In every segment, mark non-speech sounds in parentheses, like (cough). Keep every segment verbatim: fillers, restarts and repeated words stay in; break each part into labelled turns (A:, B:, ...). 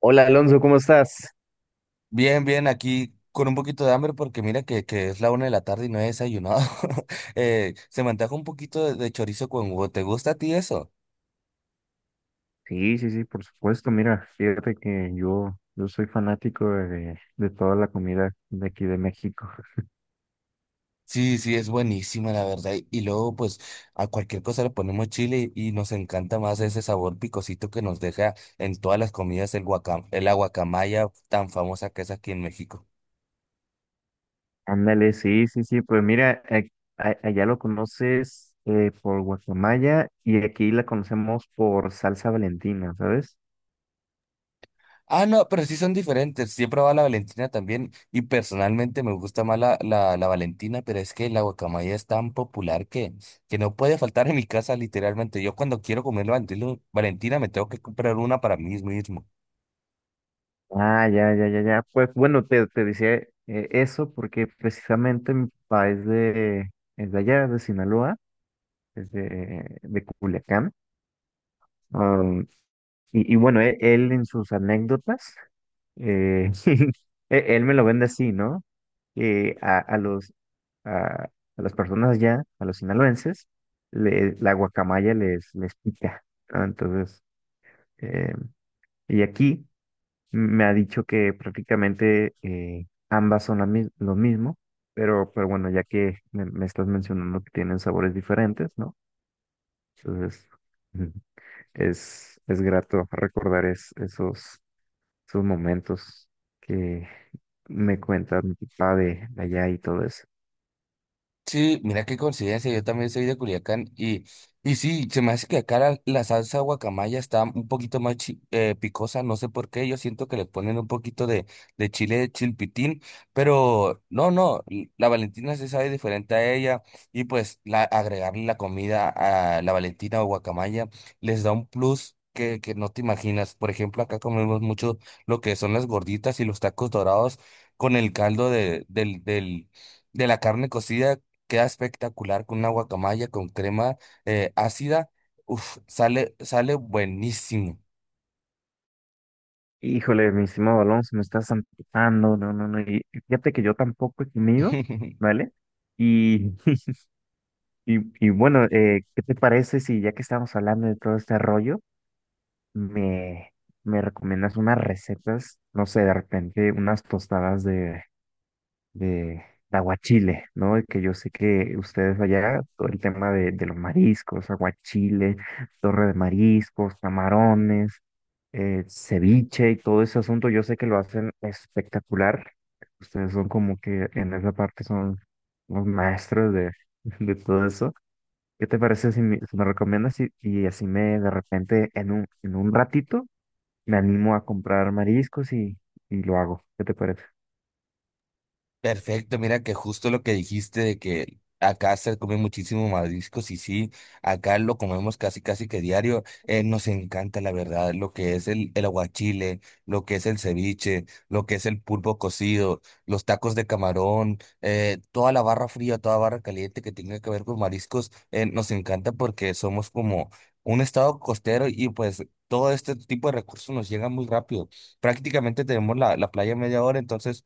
A: Hola Alonso, ¿cómo estás?
B: Bien, bien, aquí con un poquito de hambre porque mira que, que es la una de la tarde y no he desayunado. (laughs) Eh, se me antoja un poquito de, de chorizo con huevo. ¿Te gusta a ti eso?
A: Sí, sí, sí, por supuesto. Mira, fíjate que yo, yo soy fanático de, de toda la comida de aquí de México. (laughs)
B: Sí, sí, es buenísima la verdad. Y, y luego pues a cualquier cosa le ponemos chile y, y nos encanta más ese sabor picosito que nos deja en todas las comidas el guacam, el aguacamaya tan famosa que es aquí en México.
A: Ándale, sí, sí, sí. Pues mira, a- a- allá lo conoces eh, por guacamaya y aquí la conocemos por salsa Valentina, ¿sabes?
B: Ah, no, pero sí son diferentes. Sí he probado la Valentina también y personalmente me gusta más la, la, la Valentina, pero es que la guacamaya es tan popular que, que no puede faltar en mi casa literalmente. Yo cuando quiero comer la Valentino- Valentina me tengo que comprar una para mí mismo.
A: Ah, ya, ya, ya, ya. Pues bueno, te, te decía eh, eso porque precisamente mi papá es de, es de allá, de Sinaloa, es de, de Culiacán. Y, y bueno, e- él, en sus anécdotas, eh, (laughs) e- él me lo vende así, ¿no? Que a, a los, a, a las personas allá, a los sinaloenses, le- la guacamaya les, les pica, ¿no? Entonces, eh, y aquí me ha dicho que prácticamente eh, ambas son la mis- lo mismo, pero, pero bueno, ya que me, me estás mencionando que tienen sabores diferentes, ¿no? Entonces, (laughs) mm, es, es grato recordar es- esos sus momentos que me cuenta mi papá de, de allá y todo eso.
B: Sí, mira qué coincidencia, yo también soy de Culiacán y, y sí, se me hace que acá la, la salsa guacamaya está un poquito más chi- eh, picosa, no sé por qué, yo siento que le ponen un poquito de, de chile de chilpitín, pero no, no, l- la Valentina se sabe diferente a ella y pues la, agregarle la comida a la Valentina o guacamaya les da un plus. Que, que no te imaginas. Por ejemplo, acá comemos mucho lo que son las gorditas y los tacos dorados con el caldo de, del, del, de la carne cocida. Queda espectacular con una guacamaya con crema eh, ácida. Uf, sale, sale buenísimo.
A: Híjole, mi estimado Alonso, me estás amputando, no, no, no, y y fíjate que yo tampoco he comido,
B: (laughs)
A: ¿vale? Y, (laughs) y, y bueno, eh, ¿qué te parece si ya que estamos hablando de todo este rollo, me, me recomiendas unas recetas, no sé, de repente unas tostadas de, de, de aguachile, ¿no? Y que yo sé que ustedes allá, todo el tema de, de los mariscos, aguachile, torre de mariscos, camarones, eh, ceviche y todo ese asunto, yo sé que lo hacen espectacular. Ustedes son como que en esa parte son los maestros de, (laughs) de todo eso. ¿Qué te parece si me, si me recomiendas y, y así me de repente en un, en un ratito me animo a comprar mariscos y, y lo hago? ¿Qué te parece?
B: Perfecto, mira que justo lo que dijiste de que acá se come muchísimo mariscos y sí, acá lo comemos casi casi que diario, eh, nos encanta la verdad, lo que es el, el aguachile, lo que es el ceviche, lo que es el pulpo cocido, los tacos de camarón, eh, toda la barra fría, toda barra caliente que tenga que ver con mariscos, eh, nos encanta porque somos como un estado costero y pues todo este tipo de recursos nos llegan muy rápido. Prácticamente tenemos la, la playa a media hora, entonces...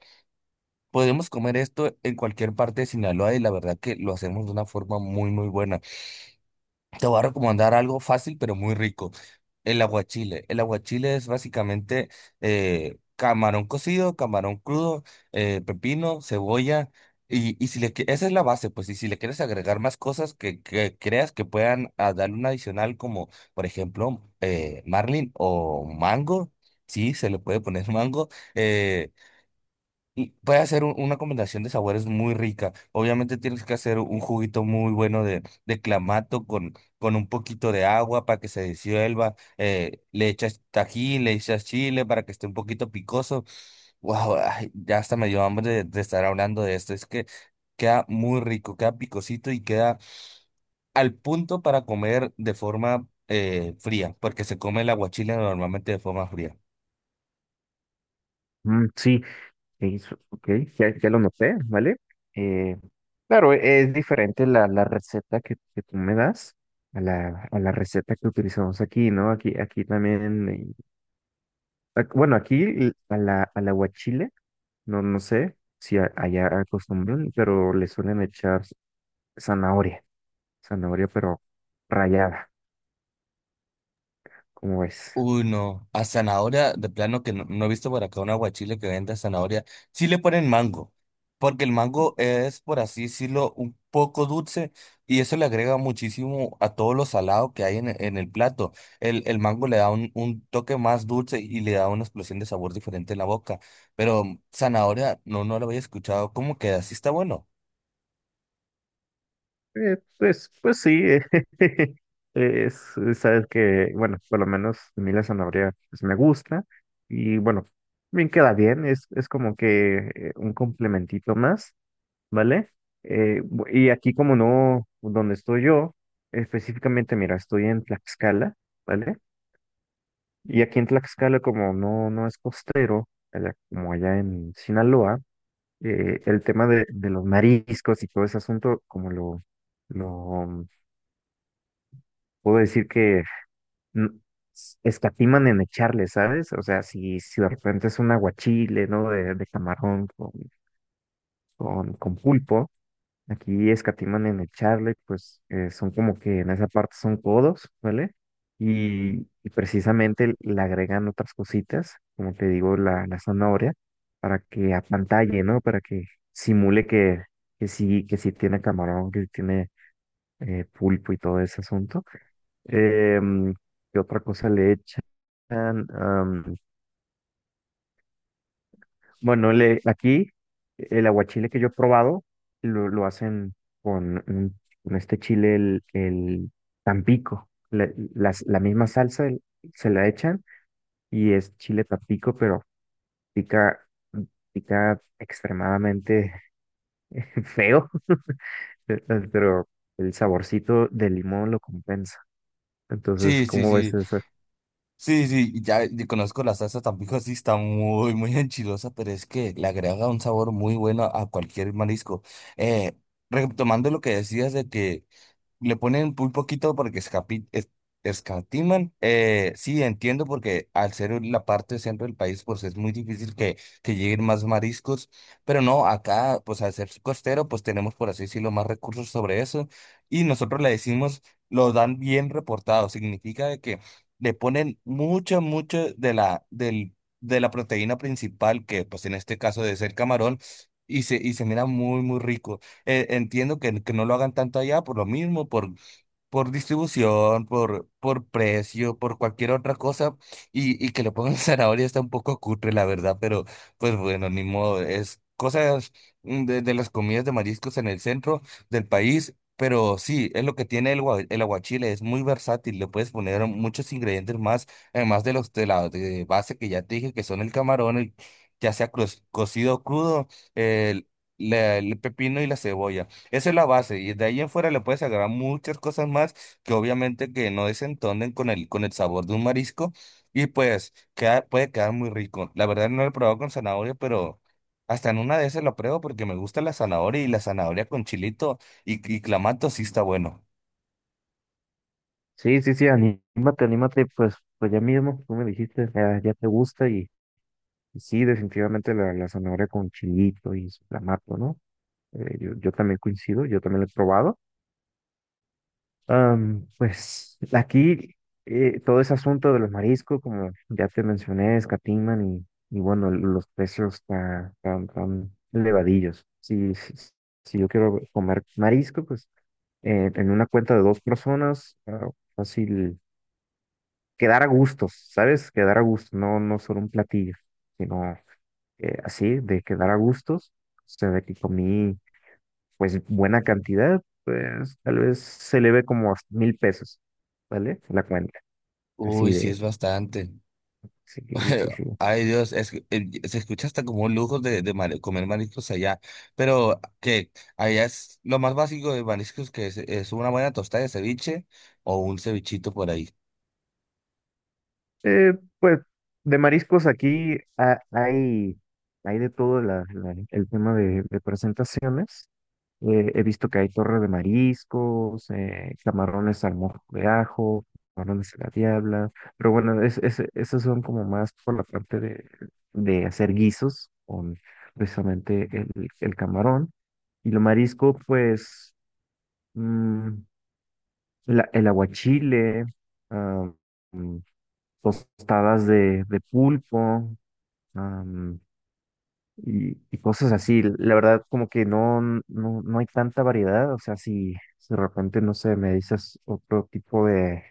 B: podemos comer esto en cualquier parte de Sinaloa y la verdad que lo hacemos de una forma muy, muy buena. Te voy a recomendar algo fácil pero muy rico. El aguachile. El aguachile es básicamente eh, camarón cocido, camarón crudo, eh, pepino, cebolla. Y, y si le, qui- esa es la base, pues, y si le quieres agregar más cosas que, que creas que puedan ah, darle un adicional, como por ejemplo eh, marlin o mango, sí, se le puede poner (laughs) mango. eh, y puede hacer un- una combinación de sabores muy rica. Obviamente tienes que hacer un juguito muy bueno de, de clamato con, con un poquito de agua para que se disuelva. eh, le echas tajín, le echas chile para que esté un poquito picoso. Wow, ay, ya hasta me dio hambre de, de estar hablando de esto. Es que queda muy rico, queda picosito y queda al punto para comer de forma eh, fría, porque se come el aguachile normalmente de forma fría.
A: Mm, sí, Ok, su- ok, ya, ya lo noté, ¿vale? Eh, claro, e- es diferente la, la receta que, que tú me das a la, a la receta que utilizamos aquí, ¿no? Aquí, aquí también, eh, ac- bueno, aquí l- a la, a la guachile, no, no sé si a- allá acostumbran, pero le suelen echar zanahoria, zanahoria pero rallada, ¿cómo es?
B: Uy, no. A zanahoria, de plano que no, no he visto por acá un aguachile que venda zanahoria. Sí le ponen mango, porque el mango es, por así decirlo, un poco dulce y eso le agrega muchísimo a todo lo salado que hay en, en el plato. El, el mango le da un, un toque más dulce y le da una explosión de sabor diferente en la boca. Pero zanahoria, no, no lo había escuchado. ¿Cómo queda? ¿Sí está bueno?
A: Eh, pues, pues sí, (laughs) es, sabes que, bueno, por lo menos a mí la zanahoria pues, me gusta y bueno, bien queda bien, es, es como que eh, un complementito más, ¿vale? Eh, bu- y aquí como no, donde estoy yo, específicamente, mira, estoy en Tlaxcala, ¿vale? Y aquí en Tlaxcala como no, no es costero, allá- como allá en Sinaloa, eh, el tema de, de los mariscos y todo ese asunto como lo... lo puedo decir que n- escatiman en echarle, ¿sabes? O sea, si, si de repente es un aguachile, ¿no? De, de camarón con, con, con pulpo, aquí escatiman en echarle, pues eh, son como que en esa parte son codos, ¿vale? Y, y precisamente le agregan otras cositas, como te digo, la, la zanahoria, para que apantalle, ¿no? Para que simule que, que sí, que sí tiene camarón, que sí tiene eh, pulpo y todo ese asunto. Em, ¿qué otra cosa le echan? Am, bueno, le, aquí el aguachile que yo he probado lo, lo hacen con, un- con este chile, el, el Tampico. La, las- la misma salsa el- se la echan y es chile Tampico, pero pica, pica extremadamente (laughs) feo, (laughs) pero el saborcito de limón lo compensa. Entonces,
B: Sí, sí,
A: ¿cómo ves
B: sí.
A: eso?
B: Sí, sí, y ya y conozco la salsa Tampico, sí está muy, muy enchilosa, pero es que le agrega un sabor muy bueno a cualquier marisco. Eh, Retomando lo que decías de que le ponen muy poquito porque escapi- es- escatiman. Eh, sí, entiendo porque al ser la parte centro del país, pues es muy difícil que, que lleguen más mariscos. Pero no, acá, pues al ser costero, pues tenemos, por así decirlo, más recursos sobre eso. Y nosotros le decimos, lo dan bien reportado. Significa de que le ponen mucho, mucho de la, del, de la proteína principal, que pues en este caso debe ser camarón, y se, y se mira muy, muy rico. Eh, entiendo que, que no lo hagan tanto allá por lo mismo, por, por distribución, por, por precio, por cualquier otra cosa, y, y que le pongan (laughs) zanahoria está un poco cutre, la verdad, pero pues bueno, ni modo, es cosas mm, de, de las comidas de mariscos en el centro del país, pero sí, es lo que tiene el, gua- el aguachile, es muy versátil, le puedes poner muchos ingredientes más, además de los de la de base que ya te dije, que son el camarón, el, ya sea cro- cocido o crudo, el, la- el pepino y la cebolla. Esa es la base y de ahí en fuera le puedes agregar muchas cosas más que obviamente que no desentonen con el, con el sabor de un marisco y pues queda, puede quedar muy rico. La verdad no lo he probado con zanahoria, pero hasta en una de esas lo pruebo porque me gusta la zanahoria y la zanahoria con chilito y, y clamato sí está bueno.
A: Sí, sí, sí, anímate, anímate, pues, pues ya mismo, tú me dijiste, ya, ya te gusta y, y sí, definitivamente la, la zanahoria con chilito y su clamato, ¿no? Eh, yo, yo también coincido, yo también lo he probado. Am, pues aquí eh, todo ese asunto de los mariscos, como ya te mencioné, escatiman y, y bueno, los precios tan, tan, tan elevadillos. Si, si, si yo quiero comer marisco, pues eh, en una cuenta de dos personas, ah, fácil. Quedar a gustos, ¿sabes? Quedar a gustos, no, no solo un platillo, sino eh, así, de quedar a gustos, o sea, de que comí pues buena cantidad, pues tal vez se le ve como a mil pesos, ¿vale? La cuenta, así
B: Uy, sí es
A: de,
B: bastante.
A: sí, sí, sí.
B: (laughs) Ay Dios, es, eh, se escucha hasta como un lujo de, de mare- comer mariscos allá, pero que allá es lo más básico de mariscos que es, es una buena tostada de ceviche o un cevichito por ahí.
A: Eh, pues de mariscos aquí ah, hay, hay de todo la- la- el tema de, de presentaciones. Eh, he visto que hay torre de mariscos, eh, camarones al mojo de ajo, camarones a la diabla, pero bueno, es, es- esos son como más por la parte de, de hacer guisos con precisamente el, el camarón. Y lo marisco, pues, mm, la- el aguachile, ah, mm, tostadas de, de pulpo, y, y cosas así. La verdad, como que no, no, no hay tanta variedad. O sea, si, si de repente, no sé, me dices otro tipo de,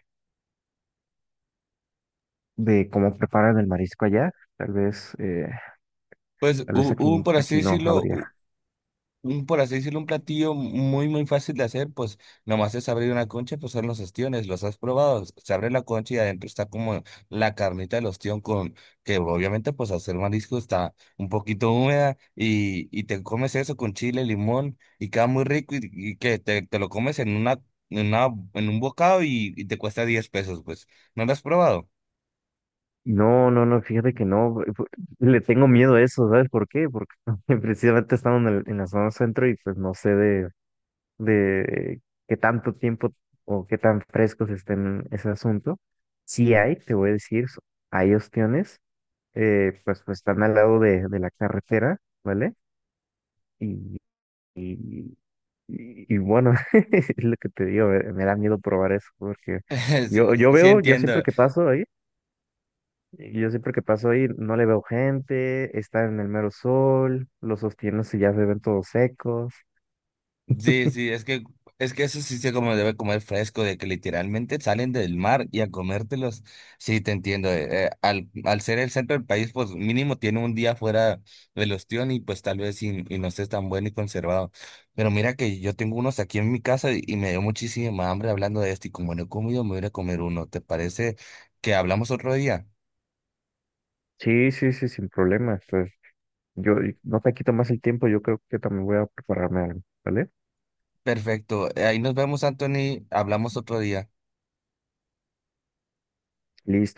A: de cómo preparan el marisco allá, tal vez, eh,
B: Pues
A: tal vez
B: hu-
A: aquí,
B: un, por así
A: aquí no
B: decirlo,
A: habría.
B: un, por así decirlo, un platillo muy, muy fácil de hacer, pues nomás es abrir una concha, pues son los ostiones, los has probado, se abre la concha y adentro está como la carnita del ostión con, que obviamente pues hacer marisco está un poquito húmeda y, y te comes eso con chile, limón y queda muy rico y, y que te, te lo comes en una, en una, en un bocado y, y te cuesta diez pesos, pues, ¿no lo has probado?
A: No, no, no, fíjate que no, eh, pu- le tengo miedo a eso, ¿sabes por qué? Porque (laughs) precisamente estamos en, el- en la zona centro y pues no sé de, de qué tanto tiempo o qué tan frescos estén ese asunto. Sí hay, te voy a decir, so- hay opciones, eh, pues, pues están al lado de, de la carretera, ¿vale? Y, y, y bueno, (laughs) es lo que te digo, me, me da miedo probar eso, porque
B: (laughs) Sí,
A: yo, yo
B: sí
A: veo, yo siempre
B: entiendo.
A: que paso ahí, y yo siempre que paso ahí no le veo gente, está en el mero sol, los sostienes y ya se ven todos secos.
B: Sí, sí, es que, es que eso sí se como debe comer fresco, de que literalmente salen del mar y a comértelos. Sí, te entiendo. eh, eh, al, al ser el centro del país, pues mínimo tiene un día fuera del ostión y pues tal vez y, y no esté tan bueno y conservado. Pero mira que yo tengo unos aquí en mi casa y, y me dio muchísima hambre hablando de esto y como no he comido, me voy a ir a comer uno. ¿Te parece que hablamos otro día?
A: Sí, sí, sí, sin problema. Pues yo y no te quito más el tiempo, yo creo que también voy a prepararme algo, ¿vale?
B: Perfecto. eh, Ahí nos vemos, Anthony. Hablamos otro día.
A: Listo.